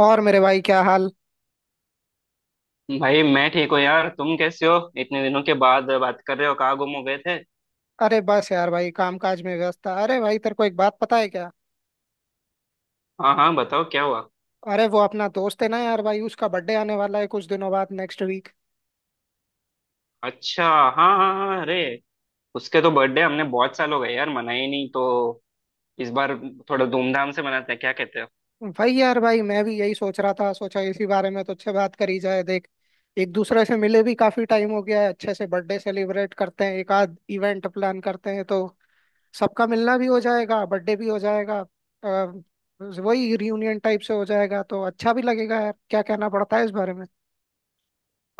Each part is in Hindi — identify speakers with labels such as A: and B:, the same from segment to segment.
A: और मेरे भाई क्या हाल।
B: भाई मैं ठीक हूँ यार। तुम कैसे हो? इतने दिनों के बाद बात कर रहे हो, कहाँ गुम हो गए थे?
A: अरे बस यार भाई काम काज में व्यस्त था। अरे भाई तेरे को एक बात पता है क्या?
B: हाँ हाँ, बताओ क्या हुआ।
A: अरे वो अपना दोस्त है ना यार भाई, उसका बर्थडे आने वाला है कुछ दिनों बाद, नेक्स्ट वीक।
B: अच्छा, हाँ हाँ हाँ हाँ, अरे उसके तो बर्थडे हमने बहुत साल हो गए यार मनाए ही नहीं, तो इस बार थोड़ा धूमधाम से मनाते हैं, क्या कहते हो?
A: भाई, मैं भी यही सोच रहा था, सोचा इसी बारे में तो अच्छे बात करी जाए। देख, एक दूसरे से मिले भी काफी टाइम हो गया है, अच्छे से बर्थडे सेलिब्रेट करते हैं, एक आध इवेंट प्लान करते हैं तो सबका मिलना भी हो जाएगा, बर्थडे भी हो जाएगा। अ, वही रियूनियन टाइप से हो जाएगा तो अच्छा भी लगेगा यार। क्या कहना पड़ता है इस बारे में?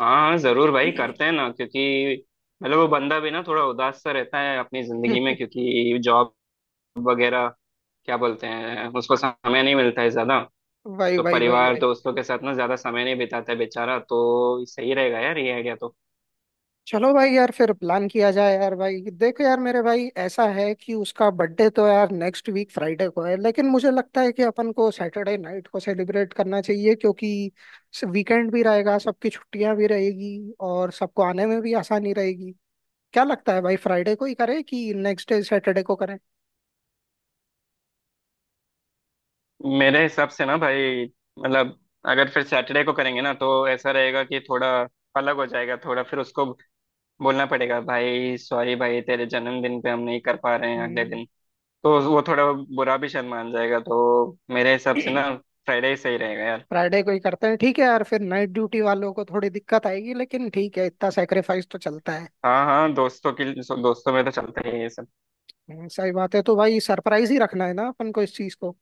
B: हाँ हाँ जरूर भाई, करते हैं ना। क्योंकि मतलब वो बंदा भी ना थोड़ा उदास सा रहता है अपनी जिंदगी में, क्योंकि जॉब वगैरह क्या बोलते हैं, उसको समय नहीं मिलता है ज्यादा।
A: भाई
B: तो
A: भाई भाई
B: परिवार
A: भाई
B: दोस्तों के साथ ना ज्यादा समय नहीं बिताता है बेचारा, तो सही रहेगा यार ये आइडिया तो।
A: चलो भाई, यार फिर प्लान किया जाए। यार भाई देखो, यार मेरे भाई, ऐसा है कि उसका बर्थडे तो यार नेक्स्ट वीक फ्राइडे को है, लेकिन मुझे लगता है कि अपन को सैटरडे नाइट को सेलिब्रेट करना चाहिए, क्योंकि वीकेंड भी रहेगा, सबकी छुट्टियां भी रहेगी और सबको आने में भी आसानी रहेगी। क्या लगता है भाई, फ्राइडे को ही करें कि नेक्स्ट डे सैटरडे को करें?
B: मेरे हिसाब से ना भाई, मतलब अगर फिर सैटरडे को करेंगे ना तो ऐसा रहेगा कि थोड़ा अलग हो जाएगा, थोड़ा फिर उसको बोलना पड़ेगा भाई सॉरी भाई तेरे जन्मदिन पे हम नहीं कर पा रहे हैं, अगले
A: हम्म।
B: दिन। तो वो थोड़ा बुरा भी शर्मान जाएगा, तो मेरे हिसाब से ना फ्राइडे ही सही रहेगा यार।
A: फ्राइडे को ही करते हैं। ठीक है यार, फिर नाइट ड्यूटी वालों को थोड़ी दिक्कत आएगी, लेकिन ठीक है, इतना सेक्रीफाइस तो चलता है।
B: हाँ हाँ, दोस्तों की दोस्तों में तो चलता ही है ये सब।
A: सही बात है। तो भाई सरप्राइज ही रखना है ना अपन को इस चीज को।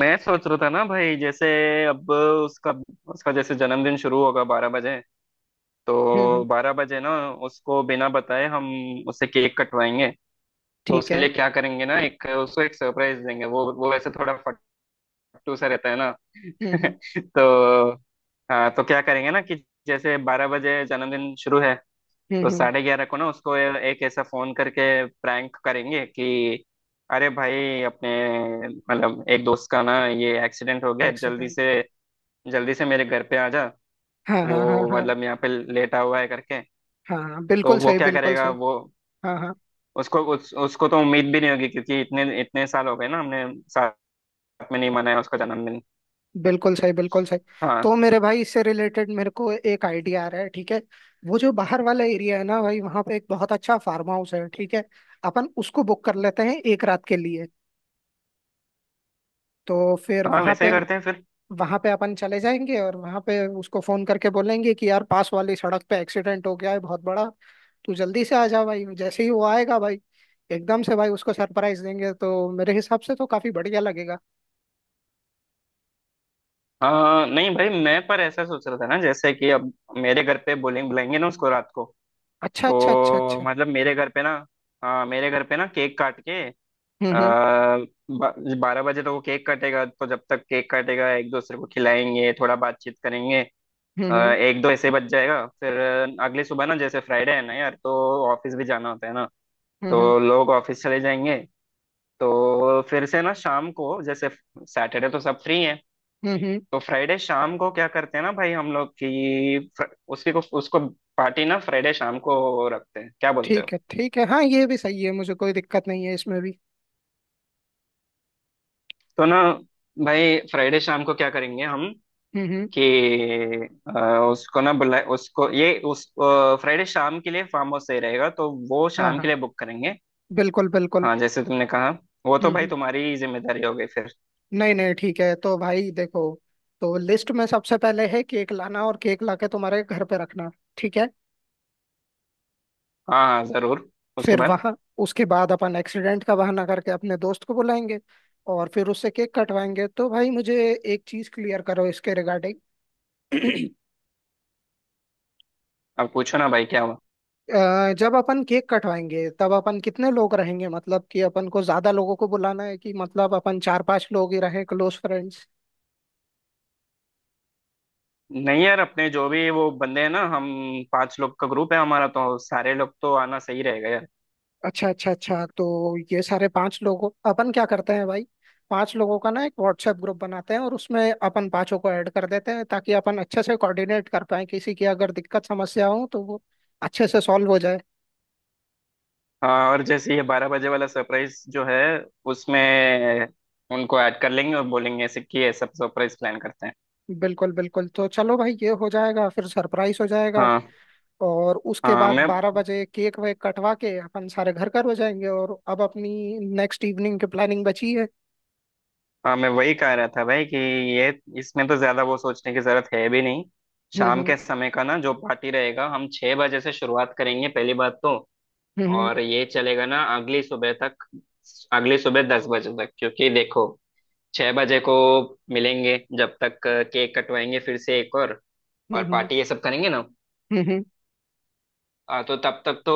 B: मैं सोच रहा था ना भाई जैसे अब उसका उसका जैसे जन्मदिन शुरू होगा 12 बजे,
A: हम्म, हम्म।
B: तो 12 बजे ना उसको बिना बताए हम उसे केक कटवाएंगे। तो
A: ठीक
B: उसके
A: है।
B: लिए क्या करेंगे ना, एक उसको एक सरप्राइज देंगे। वो वैसे थोड़ा फट्टू सा रहता है ना।
A: हम्म, हम्म।
B: तो हाँ, तो क्या करेंगे ना कि जैसे 12 बजे जन्मदिन शुरू है,
A: हम्म,
B: तो
A: हम्म।
B: 11:30 को ना उसको एक ऐसा फोन करके प्रैंक करेंगे कि अरे भाई अपने मतलब एक दोस्त का ना ये एक्सीडेंट हो गया है,
A: एक्सीडेंट?
B: जल्दी से मेरे घर पे आ जा,
A: हाँ हाँ हाँ
B: वो
A: हाँ।
B: मतलब यहाँ पे लेटा हुआ है करके।
A: हाँ हाँ,
B: तो
A: बिल्कुल
B: वो
A: सही,
B: क्या
A: बिल्कुल
B: करेगा,
A: सही।
B: वो
A: हाँ हाँ।
B: उसको तो उम्मीद भी नहीं होगी, क्योंकि इतने इतने साल हो गए ना हमने में नहीं मनाया उसका जन्मदिन।
A: बिल्कुल सही, बिल्कुल सही। तो
B: हाँ
A: मेरे भाई, इससे रिलेटेड मेरे को एक आइडिया आ रहा है, ठीक है। वो जो बाहर वाला एरिया है ना भाई, वहाँ पे एक बहुत अच्छा फार्म हाउस है, ठीक है। अपन उसको बुक कर लेते हैं एक रात के लिए। तो फिर
B: हाँ,
A: वहाँ
B: वैसे
A: पे,
B: ही करते हैं फिर।
A: वहां पे अपन चले जाएंगे और वहां पे उसको फोन करके बोलेंगे कि यार पास वाली सड़क पे एक्सीडेंट हो गया है बहुत बड़ा, तू जल्दी से आ जा भाई। जैसे ही वो आएगा भाई, एकदम से भाई उसको सरप्राइज देंगे, तो मेरे हिसाब से तो काफी बढ़िया लगेगा।
B: हाँ नहीं भाई, मैं पर ऐसा सोच रहा था ना जैसे कि अब मेरे घर पे बोलेंगे बुलाएंगे ना उसको रात को।
A: अच्छा अच्छा अच्छा
B: तो
A: अच्छा।
B: मतलब मेरे घर पे ना, हाँ मेरे घर पे ना केक काट के, आ,
A: हम्म, हम्म।
B: बारह बजे तो वो केक काटेगा, तो जब तक केक काटेगा एक दूसरे को खिलाएंगे, थोड़ा बातचीत करेंगे। अ,
A: हम्म,
B: एक दो ऐसे बच जाएगा, फिर अगली सुबह ना जैसे फ्राइडे है ना यार, तो ऑफिस भी जाना होता है ना।
A: हम्म। हम्म, हम्म।
B: तो लोग ऑफिस चले जाएंगे। तो फिर से ना शाम को जैसे, सैटरडे तो सब फ्री हैं,
A: हम्म, हम्म।
B: तो फ्राइडे शाम को क्या करते हैं ना भाई, हम लोग की फ्र- उसकी को उसको पार्टी ना फ्राइडे शाम को रखते हैं, क्या बोलते हो?
A: ठीक है, ठीक है, हाँ ये भी सही है, मुझे कोई दिक्कत नहीं है इसमें भी।
B: तो ना भाई फ्राइडे शाम को क्या करेंगे हम
A: हम्म, हम्म।
B: कि अ, उसको ना बुला उसको ये उस फ्राइडे शाम के लिए फार्म हाउस सही रहेगा, तो वो
A: हाँ
B: शाम के
A: हाँ,
B: लिए बुक करेंगे।
A: बिल्कुल बिल्कुल।
B: हाँ जैसे तुमने कहा, वो तो
A: हम्म,
B: भाई
A: हम्म।
B: तुम्हारी जिम्मेदारी हो गई फिर।
A: नहीं नहीं ठीक है, तो भाई देखो, तो लिस्ट में सबसे पहले है केक लाना, और केक लाके तुम्हारे घर पे रखना, ठीक है।
B: हाँ हाँ जरूर। उसके
A: फिर
B: बाद
A: वहां, उसके बाद अपन एक्सीडेंट का बहाना करके अपने दोस्त को बुलाएंगे और फिर उससे केक कटवाएंगे। तो भाई मुझे एक चीज क्लियर करो इसके रिगार्डिंग।
B: अब पूछो ना भाई क्या हुआ।
A: जब अपन केक कटवाएंगे तब अपन कितने लोग रहेंगे? मतलब कि अपन को ज्यादा लोगों को बुलाना है कि मतलब अपन चार पांच लोग ही रहे, क्लोज फ्रेंड्स?
B: नहीं यार, अपने जो भी वो बंदे हैं ना, हम 5 लोग का ग्रुप है हमारा, तो सारे लोग तो आना सही रहेगा यार।
A: अच्छा अच्छा अच्छा। तो ये सारे पांच लोगों अपन क्या करते हैं भाई, पांच लोगों का ना एक व्हाट्सएप ग्रुप बनाते हैं और उसमें अपन पांचों को ऐड कर देते हैं, ताकि अपन अच्छे से कोऑर्डिनेट कर पाए, किसी की अगर दिक्कत समस्या हो तो वो अच्छे से सॉल्व हो जाए।
B: हाँ, और जैसे ये 12 बजे वाला सरप्राइज जो है उसमें उनको ऐड कर लेंगे और बोलेंगे ऐसे कि ये सब सरप्राइज प्लान करते हैं।
A: बिल्कुल बिल्कुल, तो चलो भाई ये हो जाएगा, फिर सरप्राइज हो जाएगा।
B: हाँ
A: और उसके
B: हाँ
A: बाद
B: मैं
A: 12 बजे केक वेक कटवा के अपन सारे घर घर हो जाएंगे, और अब अपनी नेक्स्ट इवनिंग की प्लानिंग बची है।
B: हाँ, मैं वही कह रहा था भाई कि ये इसमें तो ज्यादा वो सोचने की जरूरत है भी नहीं।
A: हम्म,
B: शाम
A: हम्म।
B: के समय का ना जो पार्टी रहेगा, हम 6 बजे से शुरुआत करेंगे पहली बात तो।
A: हम्म।
B: और ये चलेगा ना अगली सुबह तक, अगली सुबह 10 बजे तक। क्योंकि देखो, 6 बजे को मिलेंगे, जब तक केक कटवाएंगे फिर से एक
A: हम्म,
B: और
A: हम्म।
B: पार्टी ये सब करेंगे ना,
A: हम्म, हम्म,
B: तो तब तक तो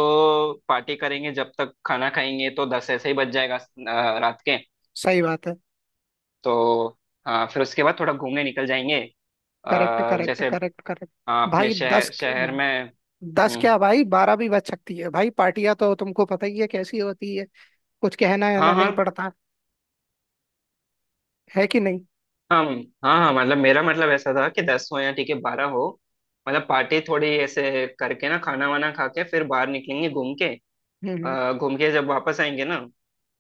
B: पार्टी करेंगे। जब तक खाना खाएंगे तो दस ऐसे ही बज जाएगा, रात के।
A: सही बात है।
B: तो हाँ, फिर उसके बाद थोड़ा घूमने निकल जाएंगे,
A: करेक्ट करेक्ट
B: जैसे
A: करेक्ट करेक्ट।
B: अपने
A: भाई दस,
B: शहर शहर में।
A: दस
B: हम्म,
A: क्या भाई, बारह भी बच सकती है भाई, पार्टियां तो तुमको पता ही है कैसी होती है। कुछ कहना है
B: हाँ
A: ना
B: हाँ
A: नहीं पड़ता। है कि नहीं?
B: हाँ हाँ। हाँ मतलब मेरा मतलब ऐसा था कि दस हो या ठीक है बारह हो, मतलब पार्टी थोड़ी ऐसे करके ना खाना वाना खा के फिर बाहर निकलेंगे घूम के।
A: हम्म, हम्म।
B: घूम के जब वापस आएंगे ना,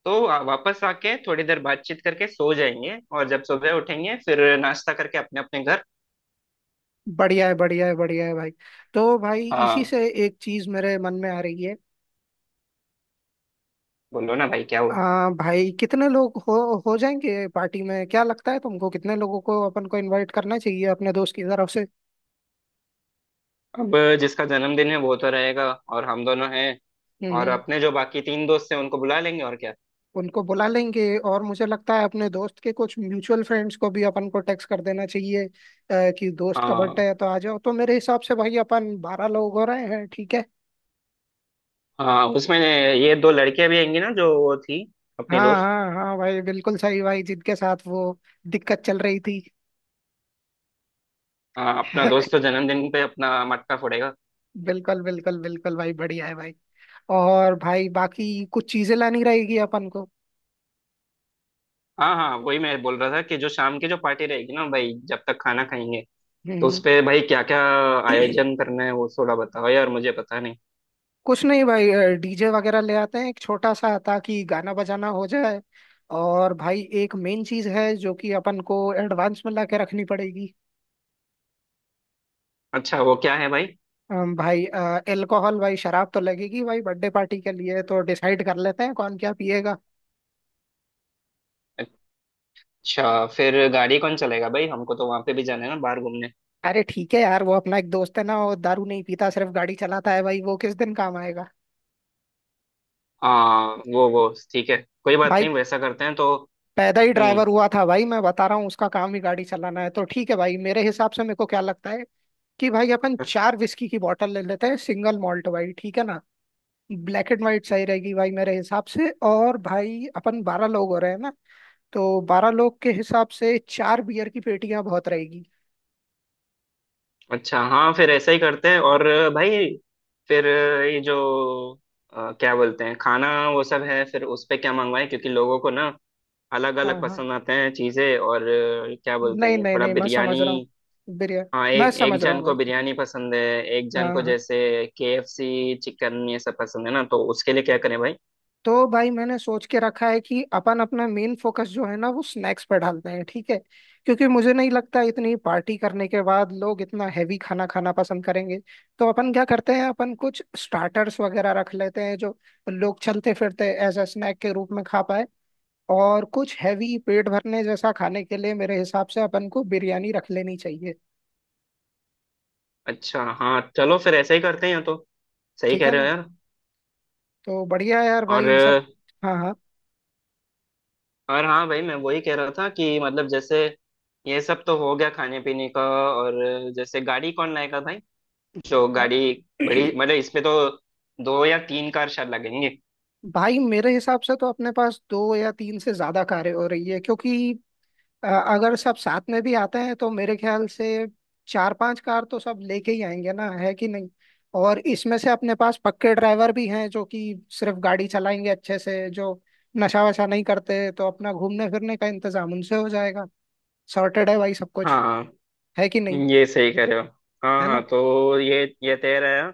B: तो वापस आके थोड़ी देर बातचीत करके सो जाएंगे, और जब सुबह उठेंगे फिर नाश्ता करके अपने अपने घर।
A: बढ़िया है, बढ़िया है, बढ़िया है भाई। तो भाई इसी
B: हाँ,
A: से एक चीज मेरे मन में आ रही है।
B: बोलो ना भाई क्या हुआ।
A: आ, भाई कितने लोग हो जाएंगे पार्टी में? क्या लगता है तुमको, कितने लोगों को अपन को इनवाइट करना चाहिए अपने दोस्त की तरफ से?
B: अब जिसका जन्मदिन है वो तो रहेगा, और हम दोनों हैं,
A: हम्म,
B: और अपने जो बाकी 3 दोस्त हैं उनको बुला लेंगे, और क्या।
A: उनको बुला लेंगे और मुझे लगता है अपने दोस्त के कुछ म्यूचुअल फ्रेंड्स को भी अपन को टेक्स्ट कर देना चाहिए, कि दोस्त का
B: हाँ
A: बर्थडे है तो आ जाओ। तो मेरे हिसाब से भाई अपन 12 लोग हो रहे हैं, ठीक है।
B: हाँ, उसमें ये 2 लड़कियां भी आएंगी ना जो वो थी अपनी
A: हाँ
B: दोस्त।
A: हाँ हाँ भाई, बिल्कुल सही भाई, जिनके साथ वो दिक्कत चल रही थी।
B: हाँ, अपना दोस्त तो जन्मदिन पे अपना मटका फोड़ेगा।
A: बिल्कुल बिल्कुल बिल्कुल भाई, बढ़िया है भाई। और भाई बाकी कुछ चीजें लानी रहेगी अपन को।
B: हाँ हाँ, वही मैं बोल रहा था कि जो शाम की जो पार्टी रहेगी ना भाई, जब तक खाना खाएंगे तो
A: हम्म।
B: उसपे भाई क्या क्या आयोजन करना है वो थोड़ा बताओ यार, मुझे पता नहीं।
A: कुछ नहीं भाई, डीजे वगैरह ले आते हैं एक छोटा सा, ताकि गाना बजाना हो जाए। और भाई एक मेन चीज है, जो कि अपन को एडवांस में ला के रखनी पड़ेगी।
B: अच्छा, वो क्या है भाई?
A: भाई अल्कोहल भाई, शराब तो लगेगी भाई बर्थडे पार्टी के लिए, तो डिसाइड कर लेते हैं कौन क्या पिएगा।
B: अच्छा फिर गाड़ी कौन चलेगा भाई, हमको तो वहां पे भी जाना है ना बाहर घूमने।
A: अरे ठीक है यार, वो अपना एक दोस्त है ना, वो दारू नहीं पीता, सिर्फ गाड़ी चलाता है भाई, वो किस दिन काम आएगा।
B: हाँ, वो ठीक है, कोई बात
A: भाई
B: नहीं, वैसा करते हैं तो।
A: पैदा ही
B: हम्म।
A: ड्राइवर हुआ था भाई, मैं बता रहा हूँ, उसका काम ही गाड़ी चलाना है। तो ठीक है भाई, मेरे हिसाब से, मेरे को क्या लगता है कि भाई अपन 4 विस्की की बॉटल ले लेते हैं, सिंगल मॉल्ट वाली, ठीक है ना। ब्लैक एंड वाइट सही रहेगी भाई मेरे हिसाब से। और भाई अपन 12 लोग हो रहे हैं ना, तो 12 लोग के हिसाब से 4 बियर की पेटियां बहुत रहेगी।
B: अच्छा हाँ, फिर ऐसा ही करते हैं। और भाई फिर ये जो क्या बोलते हैं खाना वो सब है, फिर उस पे क्या मंगवाएं? क्योंकि लोगों को ना अलग
A: हाँ
B: अलग
A: हाँ,
B: पसंद आते हैं चीजें, और क्या बोलते हैं,
A: नहीं
B: ये
A: नहीं
B: थोड़ा
A: नहीं, मैं समझ
B: बिरयानी।
A: रहा हूँ। बियर।
B: हाँ
A: मैं
B: एक एक
A: समझ रहा
B: जन
A: हूँ भाई।
B: को बिरयानी पसंद है, एक जन
A: हाँ
B: को
A: हाँ।
B: जैसे केएफसी चिकन ये सब पसंद है ना, तो उसके लिए क्या करें भाई?
A: तो भाई मैंने सोच के रखा है कि अपन अपना मेन फोकस जो है ना, वो स्नैक्स पर डालते हैं, ठीक है। क्योंकि मुझे नहीं लगता इतनी पार्टी करने के बाद लोग इतना हैवी खाना खाना पसंद करेंगे। तो अपन क्या करते हैं, अपन कुछ स्टार्टर्स वगैरह रख लेते हैं, जो लोग चलते फिरते एज अ स्नैक के रूप में खा पाए। और कुछ हैवी पेट भरने जैसा खाने के लिए मेरे हिसाब से अपन को बिरयानी रख लेनी चाहिए।
B: अच्छा हाँ, चलो फिर ऐसा ही करते हैं या तो। सही
A: ठीक
B: कह
A: है
B: रहे हो
A: ना?
B: यार।
A: तो बढ़िया है यार भाई,
B: और
A: इन सब। हाँ हाँ।
B: और हाँ भाई, मैं वही कह रहा था कि मतलब जैसे ये सब तो हो गया खाने पीने का, और जैसे गाड़ी कौन लाएगा भाई? जो गाड़ी
A: अ-
B: बड़ी, मतलब इसमें तो 2 या 3 कार शायद लगेंगे।
A: भाई मेरे हिसाब से तो अपने पास दो या तीन से ज्यादा कारें हो रही है, क्योंकि अगर सब साथ में भी आते हैं तो मेरे ख्याल से चार पांच कार तो सब लेके ही आएंगे ना, है कि नहीं। और इसमें से अपने पास पक्के ड्राइवर भी हैं, जो कि सिर्फ गाड़ी चलाएंगे अच्छे से, जो नशा वशा नहीं करते, तो अपना घूमने फिरने का इंतजाम उनसे हो जाएगा। सॉर्टेड है भाई सब कुछ।
B: हाँ
A: है कि नहीं?
B: ये सही कह रहे हो। हाँ
A: है
B: हाँ,
A: ना?
B: तो ये तय रहा।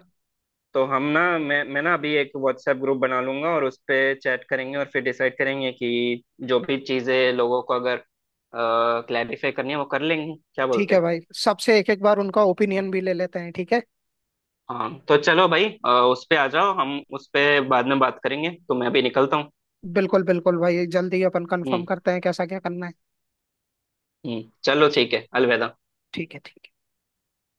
B: तो हम ना मैं ना अभी एक व्हाट्सएप ग्रुप बना लूंगा, और उस पे चैट करेंगे और फिर डिसाइड करेंगे कि जो भी चीजें लोगों को अगर क्लैरिफाई करनी है वो कर लेंगे, क्या
A: ठीक
B: बोलते
A: है
B: हो?
A: भाई, सबसे एक एक बार उनका ओपिनियन भी ले लेते हैं, ठीक है।
B: हाँ तो चलो भाई, उस पे आ जाओ, हम उस पे बाद में बात करेंगे, तो मैं अभी निकलता हूँ।
A: बिल्कुल बिल्कुल भाई, जल्दी अपन कंफर्म
B: हम्म।
A: करते हैं कैसा क्या करना है।
B: हम्म, चलो ठीक है, अलविदा।
A: ठीक है, ठीक।